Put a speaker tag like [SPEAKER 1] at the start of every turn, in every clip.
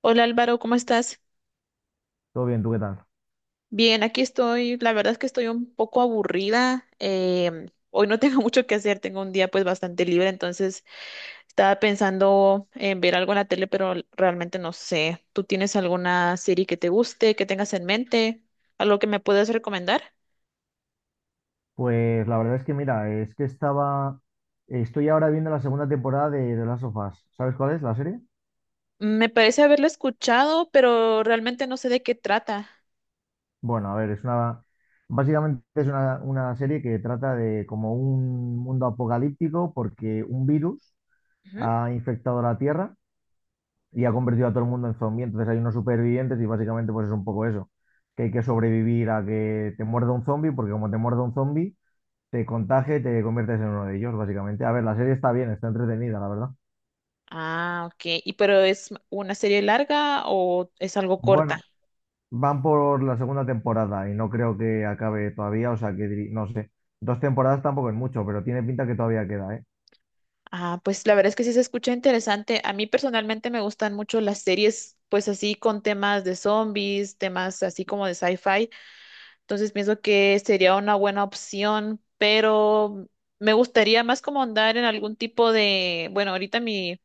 [SPEAKER 1] Hola Álvaro, ¿cómo estás?
[SPEAKER 2] Todo bien, ¿tú qué tal?
[SPEAKER 1] Bien, aquí estoy. La verdad es que estoy un poco aburrida. Hoy no tengo mucho que hacer, tengo un día, pues bastante libre. Entonces estaba pensando en ver algo en la tele, pero realmente no sé. ¿Tú tienes alguna serie que te guste, que tengas en mente, algo que me puedas recomendar?
[SPEAKER 2] Pues la verdad es que mira, estoy ahora viendo la segunda temporada de The Last of Us. ¿Sabes cuál es la serie?
[SPEAKER 1] Me parece haberla escuchado, pero realmente no sé de qué trata.
[SPEAKER 2] Bueno, a ver, básicamente es una serie que trata de como un mundo apocalíptico porque un virus
[SPEAKER 1] Ujú.
[SPEAKER 2] ha infectado la Tierra y ha convertido a todo el mundo en zombie. Entonces hay unos supervivientes y básicamente pues es un poco eso, que hay que sobrevivir a que te muerda un zombie porque como te muerda un zombie, te contagia y te conviertes en uno de ellos, básicamente. A ver, la serie está bien, está entretenida, la verdad.
[SPEAKER 1] Ah, ok. ¿Y pero es una serie larga o es algo corta?
[SPEAKER 2] Bueno, van por la segunda temporada y no creo que acabe todavía, o sea que no sé. Dos temporadas tampoco es mucho, pero tiene pinta que todavía queda, ¿eh?
[SPEAKER 1] Ah, pues la verdad es que sí se escucha interesante. A mí personalmente me gustan mucho las series, pues así con temas de zombies, temas así como de sci-fi. Entonces pienso que sería una buena opción, pero me gustaría más como andar en algún tipo de, bueno, ahorita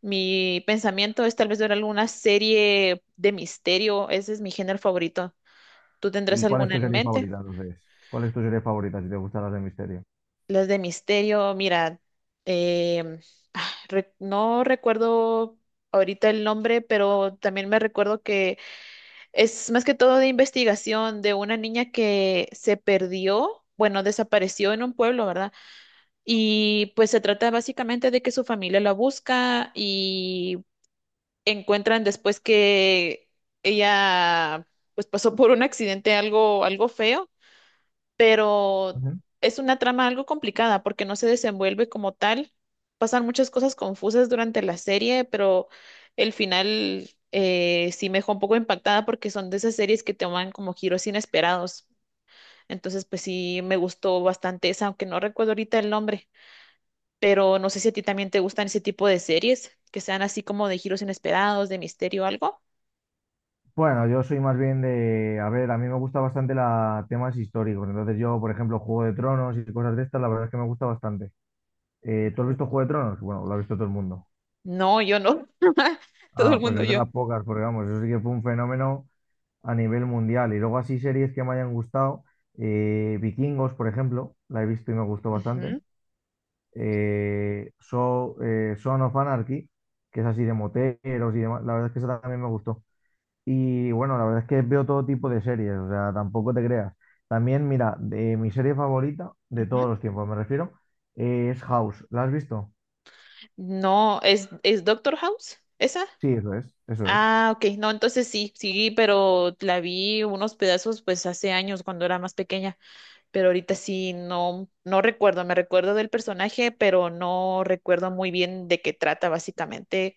[SPEAKER 1] mi pensamiento es tal vez ver alguna serie de misterio. Ese es mi género favorito. ¿Tú tendrás
[SPEAKER 2] ¿Y cuál es
[SPEAKER 1] alguna
[SPEAKER 2] tu
[SPEAKER 1] en
[SPEAKER 2] serie
[SPEAKER 1] mente?
[SPEAKER 2] favorita entonces? ¿Cuál es tu serie favorita si te gustan las de misterio?
[SPEAKER 1] Las de misterio, mira, em, no recuerdo ahorita el nombre, pero también me recuerdo que es más que todo de investigación de una niña que se perdió, bueno, desapareció en un pueblo, ¿verdad? Y pues se trata básicamente de que su familia la busca y encuentran después que ella pues pasó por un accidente, algo, algo feo, pero
[SPEAKER 2] Ujú.
[SPEAKER 1] es una trama algo complicada porque no se desenvuelve como tal. Pasan muchas cosas confusas durante la serie, pero el final sí me dejó un poco impactada porque son de esas series que toman como giros inesperados. Entonces, pues sí, me gustó bastante esa, aunque no recuerdo ahorita el nombre, pero no sé si a ti también te gustan ese tipo de series, que sean así como de giros inesperados, de misterio o algo.
[SPEAKER 2] Bueno, yo soy más bien de, a ver, a mí me gusta bastante la, temas históricos, entonces yo, por ejemplo, Juego de Tronos y cosas de estas, la verdad es que me gusta bastante. ¿Tú has
[SPEAKER 1] Ujú.
[SPEAKER 2] visto Juego de Tronos? Bueno, lo ha visto todo el mundo.
[SPEAKER 1] No, yo no, todo el
[SPEAKER 2] Ah, pues
[SPEAKER 1] mundo
[SPEAKER 2] es de
[SPEAKER 1] yo.
[SPEAKER 2] las pocas, porque vamos, eso sí que fue un fenómeno a nivel mundial. Y luego así series que me hayan gustado, Vikingos, por ejemplo, la he visto y me gustó bastante.
[SPEAKER 1] Ujú,
[SPEAKER 2] So, Son of Anarchy, que es así de moteros y demás, la verdad es que esa también me gustó. Y bueno, la verdad es que veo todo tipo de series, o sea, tampoco te creas. También, mira, de mi serie favorita de
[SPEAKER 1] ujú.
[SPEAKER 2] todos los tiempos, me refiero, es House. ¿La has visto?
[SPEAKER 1] No, es Doctor House, esa.
[SPEAKER 2] Sí, eso es, eso es.
[SPEAKER 1] Ah, ok. No, entonces sí, sí, pero la vi unos pedazos pues hace años cuando era más pequeña, pero ahorita sí no, no recuerdo, me recuerdo del personaje, pero no recuerdo muy bien de qué trata básicamente,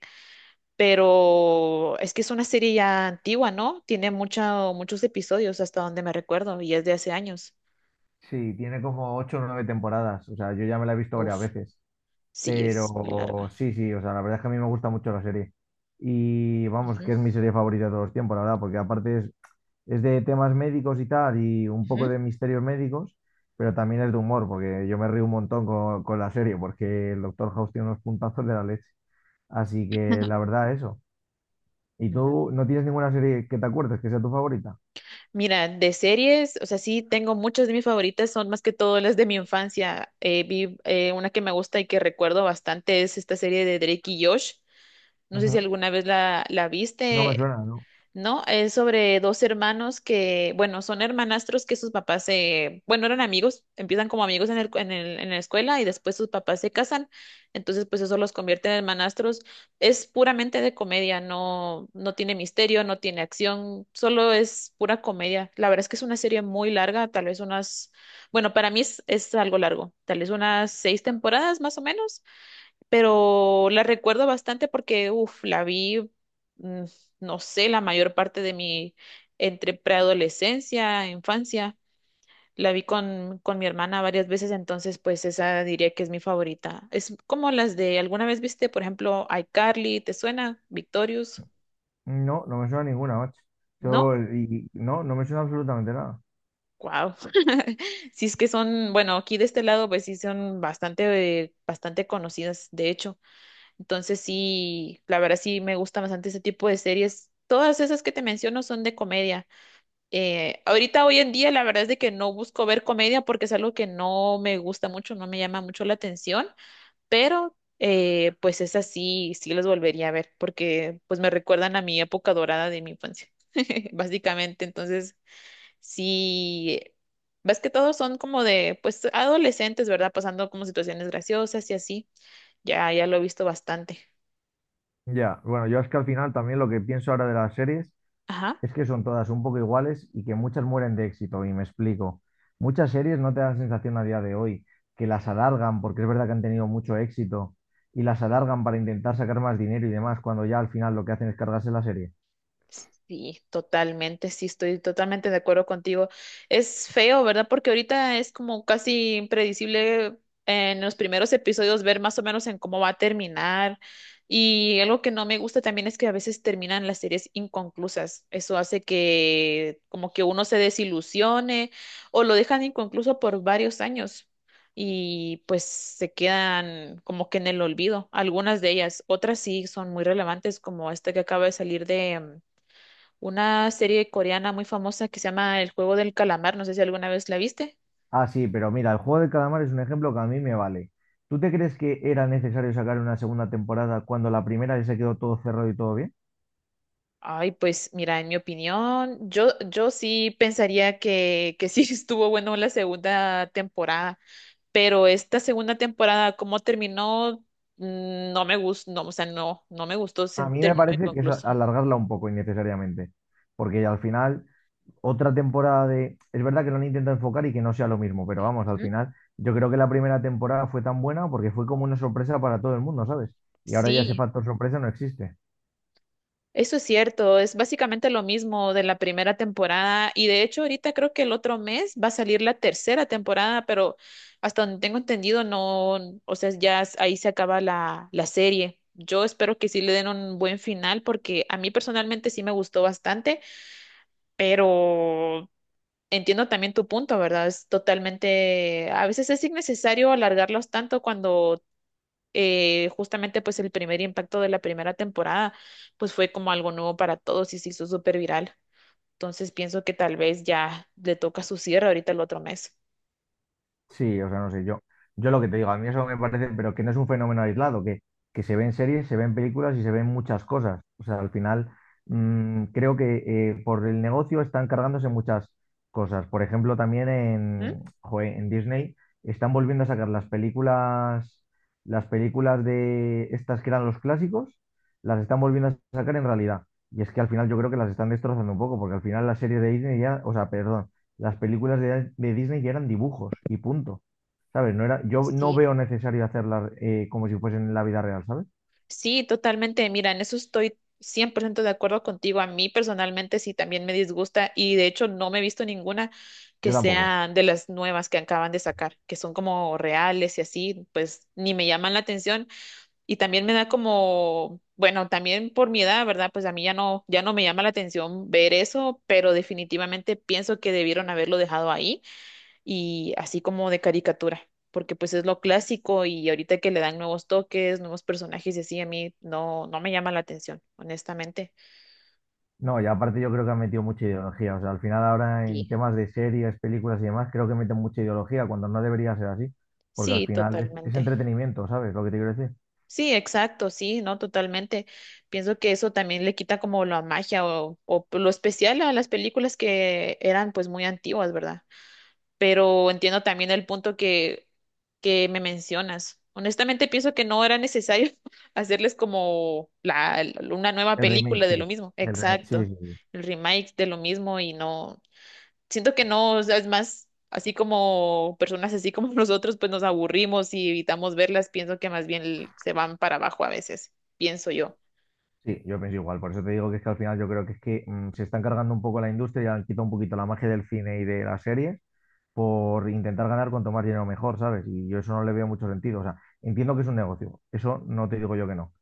[SPEAKER 1] pero es que es una serie ya antigua, ¿no? Tiene mucha, muchos episodios hasta donde me recuerdo, y es de hace años.
[SPEAKER 2] Sí, tiene como ocho o nueve temporadas, o sea, yo ya me la he visto varias
[SPEAKER 1] Uf,
[SPEAKER 2] veces.
[SPEAKER 1] sí, es muy
[SPEAKER 2] Pero
[SPEAKER 1] larga.
[SPEAKER 2] sí, sí, o sea, la verdad es que a mí me gusta mucho la serie. Y vamos,
[SPEAKER 1] Ujú,
[SPEAKER 2] que es mi serie favorita de todos los tiempos, la verdad, porque aparte es de temas médicos y tal, y un poco de misterios médicos, pero también es de humor, porque yo me río un montón con, la serie, porque el Doctor House tiene unos puntazos de la leche. Así que la verdad, eso. ¿Y
[SPEAKER 1] ujú.
[SPEAKER 2] tú no tienes ninguna serie que te acuerdes que sea tu favorita?
[SPEAKER 1] Mira, de series, o sea, sí tengo muchas de mis favoritas, son más que todo las de mi infancia. Vi una que me gusta y que recuerdo bastante, es esta serie de Drake y Josh. No sé si
[SPEAKER 2] Ujú.
[SPEAKER 1] alguna vez la
[SPEAKER 2] No me
[SPEAKER 1] viste,
[SPEAKER 2] suena, ¿no?
[SPEAKER 1] ¿no? Es sobre dos hermanos que, bueno, son hermanastros, que sus papás se, bueno, eran amigos, empiezan como amigos en en la escuela y después sus papás se casan, entonces pues eso los convierte en hermanastros. Es puramente de comedia, no, no tiene misterio, no tiene acción, solo es pura comedia. La verdad es que es una serie muy larga, tal vez unas, bueno, para mí es algo largo, tal vez unas seis temporadas más o menos, pero la recuerdo bastante porque, uff, la vi, mm, no sé, la mayor parte de mi, entre preadolescencia, infancia, la vi con mi hermana varias veces, entonces pues esa diría que es mi favorita. Es como las de, ¿alguna vez viste, por ejemplo, iCarly? ¿Te suena? Victorious,
[SPEAKER 2] No, no me suena ninguna, macho.
[SPEAKER 1] ¿no?
[SPEAKER 2] No, no me suena absolutamente nada.
[SPEAKER 1] Wow. Sí, es que son, bueno, aquí de este lado pues sí son bastante, bastante conocidas, de hecho. Entonces sí, la verdad sí me gusta bastante ese tipo de series. Todas esas que te menciono son de comedia. Ahorita hoy en día la verdad es de que no busco ver comedia porque es algo que no me gusta mucho, no me llama mucho la atención, pero pues esas sí, sí las volvería a ver porque pues me recuerdan a mi época dorada de mi infancia, básicamente. Entonces sí, ves que todos son como de pues adolescentes, ¿verdad? Pasando como situaciones graciosas y así. Ya, ya lo he visto bastante.
[SPEAKER 2] Ya, bueno, yo es que al final también lo que pienso ahora de las series
[SPEAKER 1] Ajá.
[SPEAKER 2] es que son todas un poco iguales y que muchas mueren de éxito, y me explico. Muchas series no te dan sensación a día de hoy que las alargan, porque es verdad que han tenido mucho éxito, y las alargan para intentar sacar más dinero y demás, cuando ya al final lo que hacen es cargarse la serie.
[SPEAKER 1] Sí, totalmente, sí, estoy totalmente de acuerdo contigo. Es feo, ¿verdad? Porque ahorita es como casi impredecible en los primeros episodios ver más o menos en cómo va a terminar. Y algo que no me gusta también es que a veces terminan las series inconclusas. Eso hace que como que uno se desilusione o lo dejan inconcluso por varios años y pues se quedan como que en el olvido. Algunas de ellas, otras sí son muy relevantes, como esta que acaba de salir, de una serie coreana muy famosa que se llama El juego del calamar, no sé si alguna vez la viste.
[SPEAKER 2] Ah, sí, pero mira, el juego del calamar es un ejemplo que a mí me vale. ¿Tú te crees que era necesario sacar una segunda temporada cuando la primera ya se quedó todo cerrado y todo bien?
[SPEAKER 1] Ay, pues mira, en mi opinión, yo sí pensaría que sí estuvo bueno la segunda temporada, pero esta segunda temporada, ¿cómo terminó? Mm, no me gustó, no, o sea, no, no me gustó,
[SPEAKER 2] A
[SPEAKER 1] se
[SPEAKER 2] mí me
[SPEAKER 1] terminó
[SPEAKER 2] parece que es
[SPEAKER 1] inconcluso.
[SPEAKER 2] alargarla un poco innecesariamente, porque al final otra temporada de... Es verdad que lo han intentado enfocar y que no sea lo mismo, pero vamos, al
[SPEAKER 1] Ujú.
[SPEAKER 2] final yo creo que la primera temporada fue tan buena porque fue como una sorpresa para todo el mundo, ¿sabes? Y ahora ya ese
[SPEAKER 1] Sí.
[SPEAKER 2] factor sorpresa no existe.
[SPEAKER 1] Eso es cierto, es básicamente lo mismo de la primera temporada, y de hecho ahorita creo que el otro mes va a salir la tercera temporada, pero hasta donde tengo entendido no, o sea, ya ahí se acaba la serie. Yo espero que sí le den un buen final porque a mí personalmente sí me gustó bastante, pero entiendo también tu punto, ¿verdad? Es totalmente, a veces es innecesario alargarlos tanto cuando justamente pues el primer impacto de la primera temporada pues fue como algo nuevo para todos y se hizo súper viral. Entonces pienso que tal vez ya le toca su cierre ahorita el otro mes.
[SPEAKER 2] Sí, o sea, no sé, yo lo que te digo, a mí eso me parece, pero que no es un fenómeno aislado, que se ven series, se ven películas y se ven muchas cosas. O sea, al final creo que por el negocio están cargándose muchas cosas. Por ejemplo, también
[SPEAKER 1] ¿Mm?
[SPEAKER 2] joe, en Disney están volviendo a sacar las películas de estas que eran los clásicos, las están volviendo a sacar en realidad. Y es que al final yo creo que las están destrozando un poco, porque al final las series de Disney ya, o sea, perdón, las películas de, Disney ya eran dibujos y punto. ¿Sabes? No era, yo no
[SPEAKER 1] Sí.
[SPEAKER 2] veo necesario hacerlas como si fuesen en la vida real, ¿sabes?
[SPEAKER 1] Sí, totalmente. Mira, en eso estoy 100% de acuerdo contigo. A mí personalmente sí también me disgusta y de hecho no me he visto ninguna que
[SPEAKER 2] Yo tampoco.
[SPEAKER 1] sea de las nuevas que acaban de sacar, que son como reales y así, pues ni me llaman la atención. Y también me da como, bueno, también por mi edad, ¿verdad? Pues a mí ya no, ya no me llama la atención ver eso, pero definitivamente pienso que debieron haberlo dejado ahí y así como de caricatura, porque pues es lo clásico y ahorita que le dan nuevos toques, nuevos personajes y así, a mí no, no me llama la atención, honestamente.
[SPEAKER 2] No, y aparte yo creo que han metido mucha ideología. O sea, al final ahora
[SPEAKER 1] Sí.
[SPEAKER 2] en temas de series, películas y demás, creo que meten mucha ideología cuando no debería ser así. Porque al
[SPEAKER 1] Sí,
[SPEAKER 2] final es
[SPEAKER 1] totalmente.
[SPEAKER 2] entretenimiento, ¿sabes? Lo que te quiero decir.
[SPEAKER 1] Sí, exacto, sí, no, totalmente. Pienso que eso también le quita como la magia o lo especial a las películas que eran pues muy antiguas, ¿verdad? Pero entiendo también el punto que me mencionas. Honestamente, pienso que no era necesario hacerles como la, una nueva
[SPEAKER 2] El remake,
[SPEAKER 1] película
[SPEAKER 2] sí.
[SPEAKER 1] de lo mismo.
[SPEAKER 2] El remake, sí,
[SPEAKER 1] Exacto.
[SPEAKER 2] sí, sí.
[SPEAKER 1] El remake de lo mismo y no. Siento que no, o sea, es más, así como personas así como nosotros, pues nos aburrimos y evitamos verlas. Pienso que más bien se van para abajo a veces, pienso yo.
[SPEAKER 2] Sí, yo pienso igual. Por eso te digo que es que al final yo creo que es que se están cargando un poco la industria y han quitado un poquito la magia del cine y de la serie por intentar ganar cuanto más dinero mejor, ¿sabes? Y yo eso no le veo mucho sentido. O sea, entiendo que es un negocio, eso no te digo yo que no.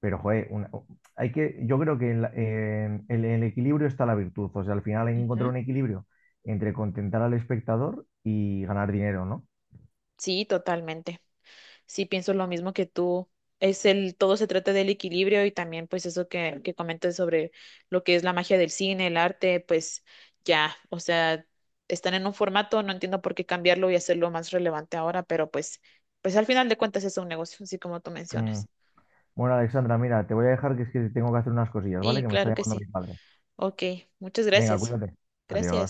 [SPEAKER 2] Pero, joder, yo creo que en el equilibrio está la virtud. O sea, al final hay que
[SPEAKER 1] Ujú.
[SPEAKER 2] encontrar un equilibrio entre contentar al espectador y ganar dinero, ¿no?
[SPEAKER 1] Sí, totalmente. Sí, pienso lo mismo que tú. Es el, todo se trata del equilibrio y también pues eso que comentas sobre lo que es la magia del cine, el arte, pues ya, o sea, están en un formato, no entiendo por qué cambiarlo y hacerlo más relevante ahora, pero pues, pues al final de cuentas es un negocio, así como tú
[SPEAKER 2] Mm.
[SPEAKER 1] mencionas.
[SPEAKER 2] Bueno, Alexandra, mira, te voy a dejar que es que tengo que hacer unas cosillas, ¿vale?
[SPEAKER 1] Y
[SPEAKER 2] Que me está
[SPEAKER 1] claro que
[SPEAKER 2] llamando mi
[SPEAKER 1] sí.
[SPEAKER 2] padre.
[SPEAKER 1] Ok, muchas
[SPEAKER 2] Venga,
[SPEAKER 1] gracias.
[SPEAKER 2] cuídate.
[SPEAKER 1] Gracias.
[SPEAKER 2] Adiós.